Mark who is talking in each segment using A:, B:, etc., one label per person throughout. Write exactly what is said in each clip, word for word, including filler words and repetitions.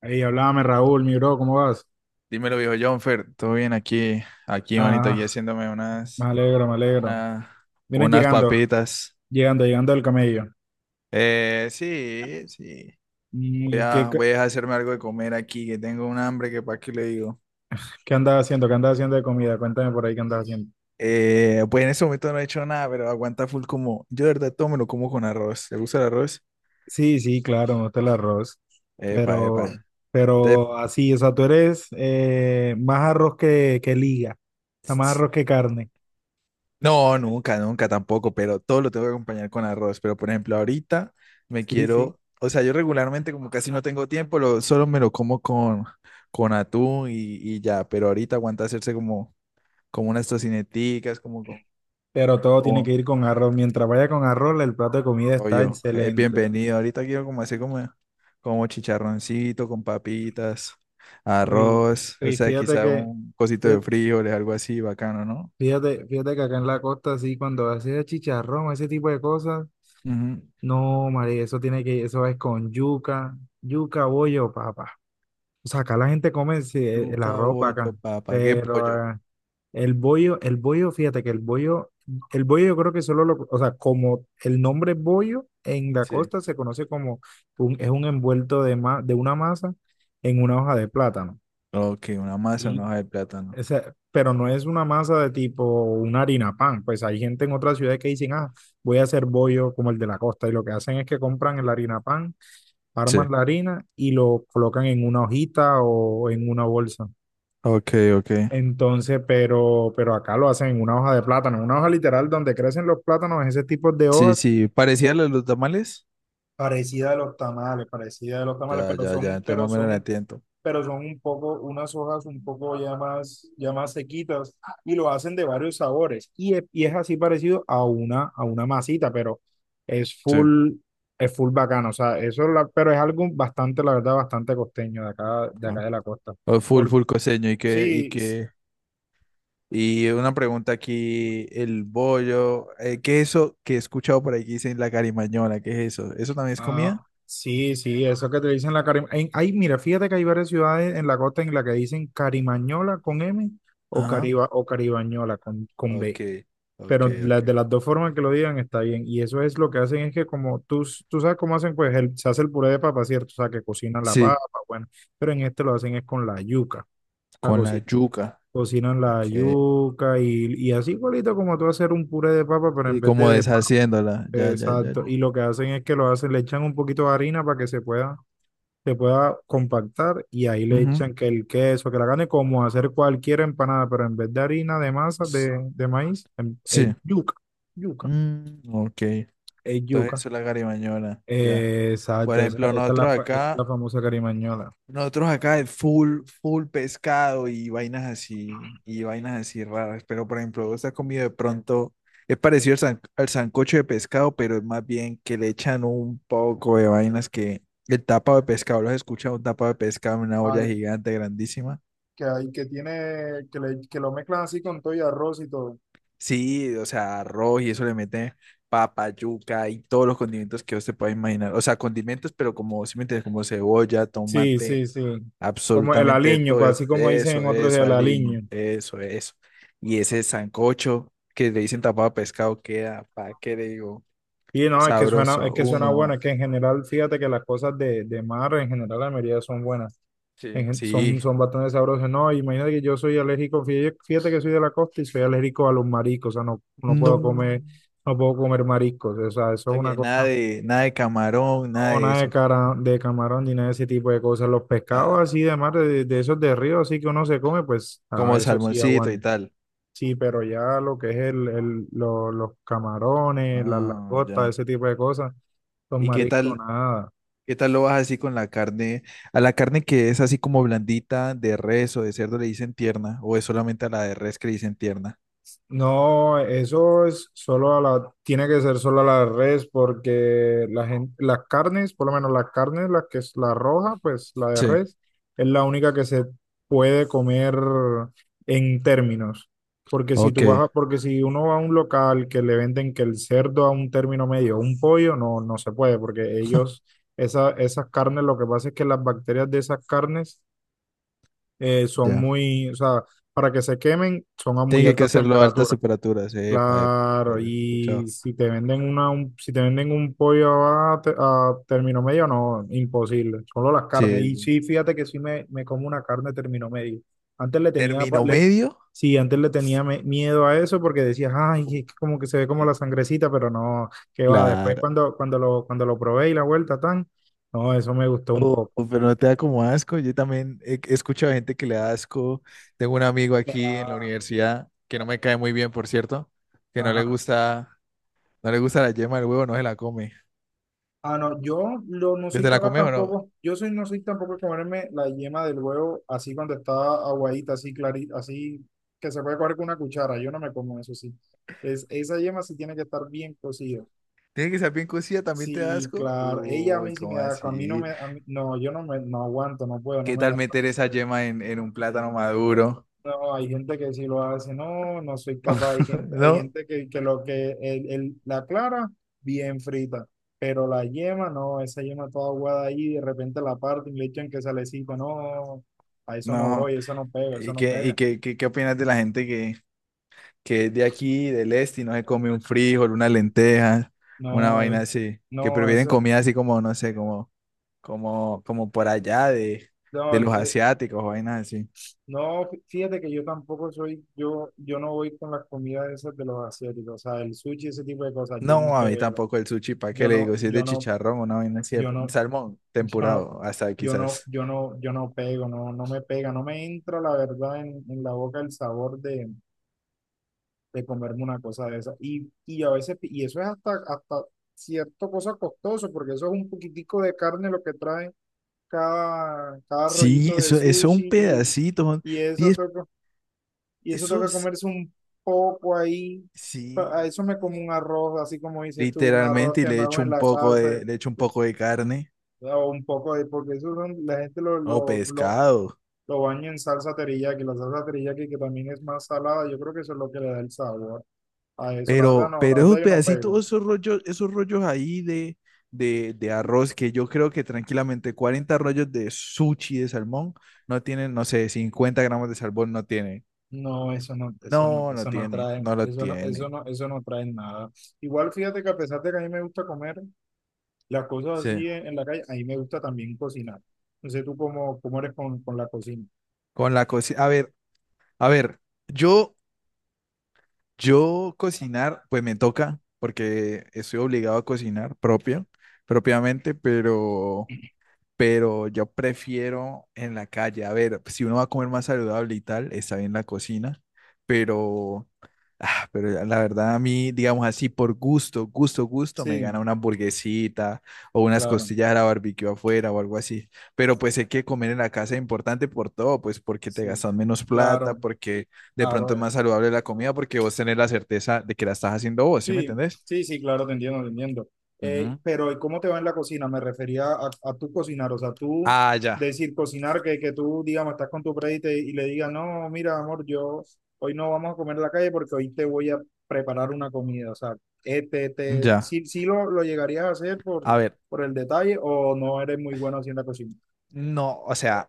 A: Ahí, hablame Raúl, mi bro, ¿cómo vas?
B: Dímelo, viejo Jonfer, todo bien aquí, aquí, manito, aquí
A: Ah,
B: haciéndome
A: me
B: unas,
A: alegro, me alegro.
B: una,
A: Vienes
B: unas
A: llegando,
B: papitas.
A: llegando, llegando del camello.
B: Eh, sí, sí. Voy
A: ¿Y qué,
B: a,
A: qué,
B: voy a hacerme algo de comer aquí, que tengo un hambre que para qué le digo.
A: qué andas haciendo? ¿Qué andas haciendo de comida? Cuéntame por ahí qué andas haciendo.
B: Eh, pues en este momento no he hecho nada, pero aguanta full como. Yo de verdad todo me lo como con arroz. ¿Te gusta el arroz?
A: Sí, sí, claro, me gusta el arroz.
B: Epa,
A: Pero,
B: epa. Te-
A: pero así, o sea, tú eres eh, más arroz que, que liga, o sea, más arroz que carne.
B: No, nunca, nunca tampoco, pero todo lo tengo que acompañar con arroz. Pero por ejemplo, ahorita me
A: Sí, sí.
B: quiero, o sea, yo regularmente como casi no tengo tiempo, lo, solo me lo como con, con atún y, y ya, pero ahorita aguanta hacerse como, como unas tocineticas, como, con-
A: Pero todo tiene
B: como,
A: que ir con arroz. Mientras vaya con arroz, el plato de comida está
B: pollo. Es
A: excelente.
B: bienvenido. Ahorita quiero como hacer como, como chicharroncito con papitas,
A: Uy,
B: arroz, o
A: uy,
B: sea,
A: fíjate
B: quizá
A: que,
B: un cosito de
A: fíjate
B: frijoles, algo así, bacano, ¿no?
A: Fíjate, fíjate que acá en la costa, sí, cuando haces chicharrón, ese tipo de cosas,
B: Ujú.
A: no, María, eso tiene que, eso es con yuca, yuca, bollo, papá. O sea, acá la gente come sí, e, el, la
B: Yuca,
A: ropa
B: bollo,
A: acá,
B: papa, ¿qué es bollo?
A: pero eh, el bollo, el bollo, fíjate que el bollo, el bollo yo creo que solo lo, o sea, como el nombre bollo en la
B: Sí.
A: costa se conoce como un, es un envuelto de, ma- de una masa en una hoja de plátano.
B: Ok, una masa, una hoja de plátano.
A: Esa- pero no es una masa de tipo una harina pan. Pues hay gente en otras ciudades que dicen, ah, voy a hacer bollo como el de la costa. Y lo que hacen es que compran el harina pan,
B: Sí.
A: arman la harina y lo colocan en una hojita o en una bolsa.
B: Ok, ok.
A: Entonces, pero, pero acá lo hacen en una hoja de plátano, una hoja literal donde crecen los plátanos, ese tipo de
B: Sí,
A: hojas.
B: sí, parecía
A: o-
B: lo de los tamales.
A: Parecida a los tamales, parecida a los tamales,
B: Ya,
A: pero
B: ya,
A: son,
B: ya,
A: un-
B: entonces más
A: pero
B: o menos
A: son
B: la
A: un
B: entiendo.
A: pero son un poco, unas hojas un poco ya más, ya más sequitas y lo hacen de varios sabores. Y es, y es así parecido a una, a una masita, pero es
B: Sí.
A: full, es full bacano. O sea, eso, es la- pero es algo bastante, la verdad, bastante costeño de acá, de
B: Ah.
A: acá de la costa.
B: Oh, full,
A: Porque
B: full coseño. Y que, y
A: sí, s-
B: que, y una pregunta aquí, el bollo, eh, ¿qué es eso que he escuchado por ahí que dicen la carimañola? ¿Qué es eso? ¿Eso también es comida?
A: ah, sí, sí, eso que te dicen la cari- ay mira, fíjate que hay varias ciudades en la costa en la que dicen carimañola con M o
B: Ajá.
A: cariba, o caribañola con, con
B: Ok,
A: B.
B: ok,
A: pero la-
B: ok.
A: de las dos formas que lo digan está bien. Y eso es lo que hacen, es que como tú, s- tú sabes cómo hacen, pues el- se hace el puré de papa, ¿cierto? O sea, que cocinan la papa,
B: Sí,
A: bueno, pero en este lo hacen es con la yuca. La
B: con la
A: coci-
B: yuca.
A: Cocinan la
B: Ok.
A: yuca y, y así igualito como tú hacer un puré de papa, pero en
B: Sí,
A: vez de,
B: como
A: de pa-
B: deshaciéndola. Ya, ya, ya,
A: exacto.
B: ya.
A: Y lo que hacen es que lo hacen, le echan un poquito de harina para que se pueda, se pueda compactar y ahí le
B: Ujú.
A: echan que el queso, que la carne, como hacer cualquier empanada, pero en vez de harina de masa de, de maíz, em- es
B: Sí.
A: yuca, yuca.
B: Mm, ok. Entonces
A: Es yuca.
B: eso es la garibañola, ya.
A: Eh,
B: Por
A: exacto, esa,
B: ejemplo,
A: esa es la,
B: nosotros
A: fa- es la
B: acá,
A: famosa carimañola.
B: nosotros acá es full, full pescado y vainas así, y vainas así raras. Pero por ejemplo, vos has comido de pronto, es parecido al, san- al sancocho de pescado, pero es más bien que le echan un poco de vainas que el tapado de pescado, ¿lo has escuchado? Un tapado de pescado en una olla
A: Ah,
B: gigante, grandísima.
A: que hay, que tiene, que, le- que lo mezclan así con todo y arroz y todo.
B: Sí, o sea, arroz y eso le meten papa, yuca y todos los condimentos que usted pueda imaginar. O sea, condimentos, pero como, si me entiendes, como cebolla,
A: Sí,
B: tomate.
A: sí, sí. Como el
B: Absolutamente de
A: aliño,
B: todo.
A: así como dicen
B: Eso,
A: en otros,
B: eso,
A: el
B: aliño.
A: aliño.
B: Eso, eso. Y ese sancocho que le dicen tapado de pescado queda, ¿para qué le digo?
A: Y no, es que suena, es
B: Sabroso.
A: que suena
B: Uno,
A: bueno, es
B: ah,
A: que en general, fíjate que las cosas de, de mar, en general, la mayoría son buenas. en
B: sí,
A: gen-
B: sí.
A: son, son bastante sabrosas. No, imagínate que yo soy alérgico, fí- fíjate que soy de la costa y soy alérgico a los mariscos, o sea, no, no
B: No.
A: puedo comer, no puedo comer mariscos, o sea, eso es una
B: Oye, nada
A: cosa.
B: de, nada de camarón, nada
A: No,
B: de
A: nada de,
B: eso.
A: cara, de camarón ni nada de ese tipo de cosas. Los pescados
B: Ah,
A: así de mar, de, de esos de río, así que uno se come, pues a
B: como
A: eso sí
B: salmoncito y
A: aguanta.
B: tal.
A: Sí, pero ya lo que es el, el- lo- los camarones, las
B: Ah,
A: langostas,
B: ya.
A: ese tipo de cosas, los
B: ¿Y qué
A: mariscos,
B: tal,
A: nada.
B: qué tal lo vas así con la carne? A la carne que es así como blandita, de res o de cerdo le dicen tierna, o es solamente a la de res que le dicen tierna.
A: No, eso es solo a la, tiene que ser solo a la res porque la gente, las carnes, por lo menos las carnes, la que es la roja, pues la de
B: Sí.
A: res, es la única que se puede comer en términos. Porque si
B: Ok,
A: tú vas a- porque si uno va a un local que le venden que el cerdo a un término medio, un pollo, no, no se puede, porque ellos, esa, esas carnes, lo que pasa es que las bacterias de esas carnes eh, son
B: ya.
A: muy, o sea, para que se quemen, son a muy
B: Tiene que
A: altas
B: hacerlo a altas
A: temperaturas.
B: temperaturas, epa, epa, epa,
A: Claro,
B: he
A: y
B: escuchado.
A: si te venden una, un- si te venden un pollo a, te- a término medio, no, imposible. Solo las carnes.
B: Sí,
A: Y
B: sí.
A: sí, fíjate que sí me, me como una carne término medio. Antes le tenía, pa-
B: ¿Término
A: le-
B: medio?
A: sí, antes le tenía me- miedo a eso porque decías, ay,
B: Uy,
A: es que como que se ve como la sangrecita, pero no, qué va. Después
B: claro.
A: cuando, cuando lo, cuando lo probé y la vuelta tan, no, eso me gustó un
B: Oh,
A: poco.
B: pero no te da como asco. Yo también he he escuchado gente que le da asco. Tengo un amigo aquí en la universidad que no me cae muy bien, por cierto, que no le
A: Ajá.
B: gusta, no le gusta la yema del huevo, no se la come.
A: Ah, no, yo lo- no soy
B: ¿Desde la
A: capaz
B: come o no?
A: tampoco, yo soy, no soy tampoco de comerme la yema del huevo así cuando está aguadita, así clarita, así que se puede coger con una cuchara, yo no me como eso, sí. Es, esa yema sí tiene que estar bien cocida.
B: Tiene que ser bien cocida, también te da
A: Sí,
B: asco.
A: claro, ella a mí
B: Uy,
A: sí me
B: ¿cómo
A: da, a mí no
B: así?
A: me, a mí- no, yo no me, no aguanto, no puedo, no
B: ¿Qué
A: me
B: tal
A: da.
B: meter esa yema en, en un plátano maduro?
A: No, hay gente que sí lo hace, no, no soy capaz. Hay gente, hay
B: No,
A: gente que, que lo que el, el- la clara, bien frita, pero la yema, no, esa yema toda aguada ahí, de repente la parte y le echan que salecito, no, a eso no
B: no.
A: voy, eso no pega, eso
B: ¿Y
A: no
B: qué, y
A: pega.
B: qué, qué, qué opinas de la gente que, que es de aquí, del este, y no se come un frijol, una lenteja, una
A: No,
B: vaina
A: eh,
B: así? Que
A: no,
B: prefieren
A: eso,
B: comida así como, no sé, como, como, como por allá de, de
A: no,
B: los
A: eh,
B: asiáticos, vainas así.
A: no, fí- fíjate que yo tampoco soy, yo, yo no voy con las comidas esas de los asiáticos, o sea, el sushi, ese tipo de cosas, yo no
B: No, a mí
A: pego,
B: tampoco el sushi, ¿para qué
A: yo
B: le
A: no,
B: digo? Si es de
A: yo no.
B: chicharrón, una vaina así, de-
A: Yo no,
B: salmón
A: Yo no,
B: temporado, hasta
A: yo no,
B: quizás.
A: yo no, yo no pego, no, no me pega, no me entra la verdad en, en la boca el sabor de, de comerme una cosa de esa. Y, y a veces, y eso es hasta, hasta cierto cosa costoso, porque eso es un poquitico de carne lo que trae cada, cada
B: Sí,
A: rollito de
B: eso, eso un
A: sushi y, el-
B: pedacito, son
A: y eso
B: 10,
A: toca, y eso
B: eso
A: toca
B: es-
A: comerse un poco ahí. Pa- A
B: sí,
A: eso me como un arroz, así como dices tú, un arroz
B: literalmente, y
A: que me
B: le
A: hago
B: echo
A: en
B: un
A: la
B: poco
A: casa
B: de, le echo un poco de carne
A: o un poco de, porque eso son- la gente lo,
B: o
A: lo, lo
B: pescado.
A: Lo baño en salsa teriyaki, la salsa teriyaki que también es más salada, yo creo que eso es lo que le da el sabor a eso. La verdad
B: Pero,
A: no, la
B: pero
A: verdad
B: esos
A: yo no pego.
B: pedacitos, esos rollos, esos rollos ahí de, de, de arroz, que yo creo que tranquilamente cuarenta rollos de sushi de salmón no tienen, no sé, cincuenta gramos de salmón no tienen.
A: No, eso no, eso no,
B: No, no
A: eso no
B: tienen,
A: trae,
B: no lo
A: eso no, eso
B: tienen.
A: no, eso no trae nada. Igual fíjate que a pesar de que a mí me gusta comer las cosas
B: Sí.
A: así en, en la calle, a mí me gusta también cocinar. No sé tú cómo, cómo eres con, con la cocina.
B: Con la cocina. A ver, a ver, yo, yo cocinar, pues me toca, porque estoy obligado a cocinar propio, propiamente, pero. Pero yo prefiero en la calle. A ver, pues, si uno va a comer más saludable y tal, está bien la cocina, pero, ah, pero ya la verdad a mí, digamos así, por gusto, gusto, gusto, me gana
A: Sí,
B: una hamburguesita o unas
A: claro,
B: costillas a la barbecue afuera o algo así. Pero pues hay que comer en la casa es importante por todo, pues porque te
A: sí,
B: gastas menos plata,
A: claro,
B: porque de pronto es
A: claro.
B: más saludable la comida, porque vos tenés la certeza de que la estás haciendo vos, ¿sí me
A: Sí,
B: entendés?
A: sí, sí, claro, te entiendo, te entiendo. Eh,
B: Ujú.
A: pero ¿y cómo te va en la cocina? Me refería a, a tú cocinar, o sea, tú
B: Ah, ya,
A: decir cocinar, que, que tú, digamos, estás con tu predi y, te- y le digas, no, mira, amor, yo hoy no vamos a comer en la calle porque hoy te voy a preparar una comida, o sea, este, te,
B: ya.
A: sí, sí lo, lo llegarías a hacer por,
B: A ver,
A: por el detalle o no eres muy bueno haciendo la cocina.
B: no, o sea.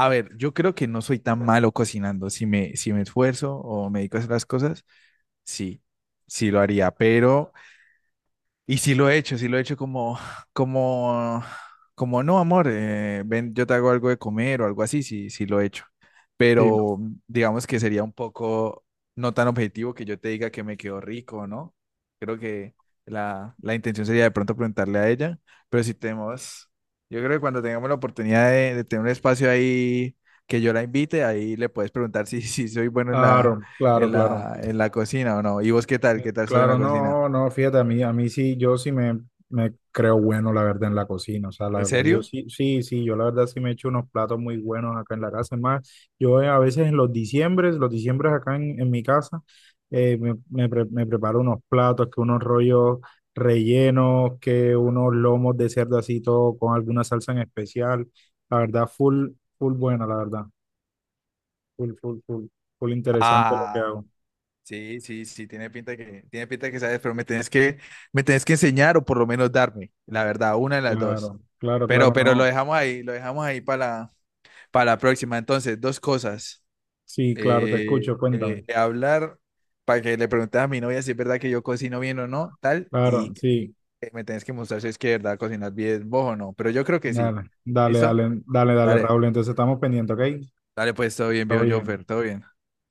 B: A ver, yo creo que no soy tan malo cocinando. Si me, si me esfuerzo o me dedico a hacer las cosas, sí, sí lo haría, pero y sí lo he hecho, sí lo he hecho como, como, como no, amor, eh, ven, yo te hago algo de comer o algo así, sí, sí lo he hecho.
A: Sí,
B: Pero digamos que sería un poco no tan objetivo que yo te diga que me quedó rico, ¿no? Creo que la, la intención sería de pronto preguntarle a ella, pero si tenemos, yo creo que cuando tengamos la oportunidad de, de tener un espacio ahí que yo la invite, ahí le puedes preguntar si, si soy bueno en la,
A: claro, claro,
B: en
A: claro.
B: la, en la cocina o no. ¿Y vos qué tal? ¿Qué tal sos en la
A: Claro,
B: cocina?
A: no, no, fíjate, a mí, a mí sí, yo sí me, me creo bueno, la verdad, en la cocina, o sea, la
B: ¿En
A: verdad, yo
B: serio?
A: sí, sí, sí, yo la verdad sí me echo unos platos muy buenos acá en la casa, es más, yo eh, a veces en los diciembres, los diciembres acá en, en mi casa, eh, me, me, pre- me preparo unos platos, que unos rollos rellenos, que unos lomos de cerdo así, todo con alguna salsa en especial, la verdad, full, full buena, la verdad, full, full, full, full interesante lo que
B: Ah,
A: hago.
B: sí, sí, sí, tiene pinta de que, tiene pinta de que sabes, pero me tenés que, me tenés que enseñar o por lo menos darme, la verdad, una de las dos.
A: Claro, claro,
B: Pero,
A: claro,
B: pero lo
A: no.
B: dejamos ahí, lo dejamos ahí para la, para la próxima. Entonces, dos cosas.
A: Sí, claro, te
B: Eh,
A: escucho, cuéntame.
B: eh, hablar para que le preguntes a mi novia si es verdad que yo cocino bien o no, tal, y
A: Claro,
B: que
A: sí,
B: me tenés que mostrar si es que de verdad cocinas bien vos o no. Pero yo creo que sí.
A: dale, dale,
B: ¿Listo?
A: dale, dale, dale,
B: Dale,
A: Raúl. Entonces estamos pendientes, ¿ok?
B: dale pues, todo bien,
A: Todo
B: viejo
A: bien.
B: Jonfer, todo bien.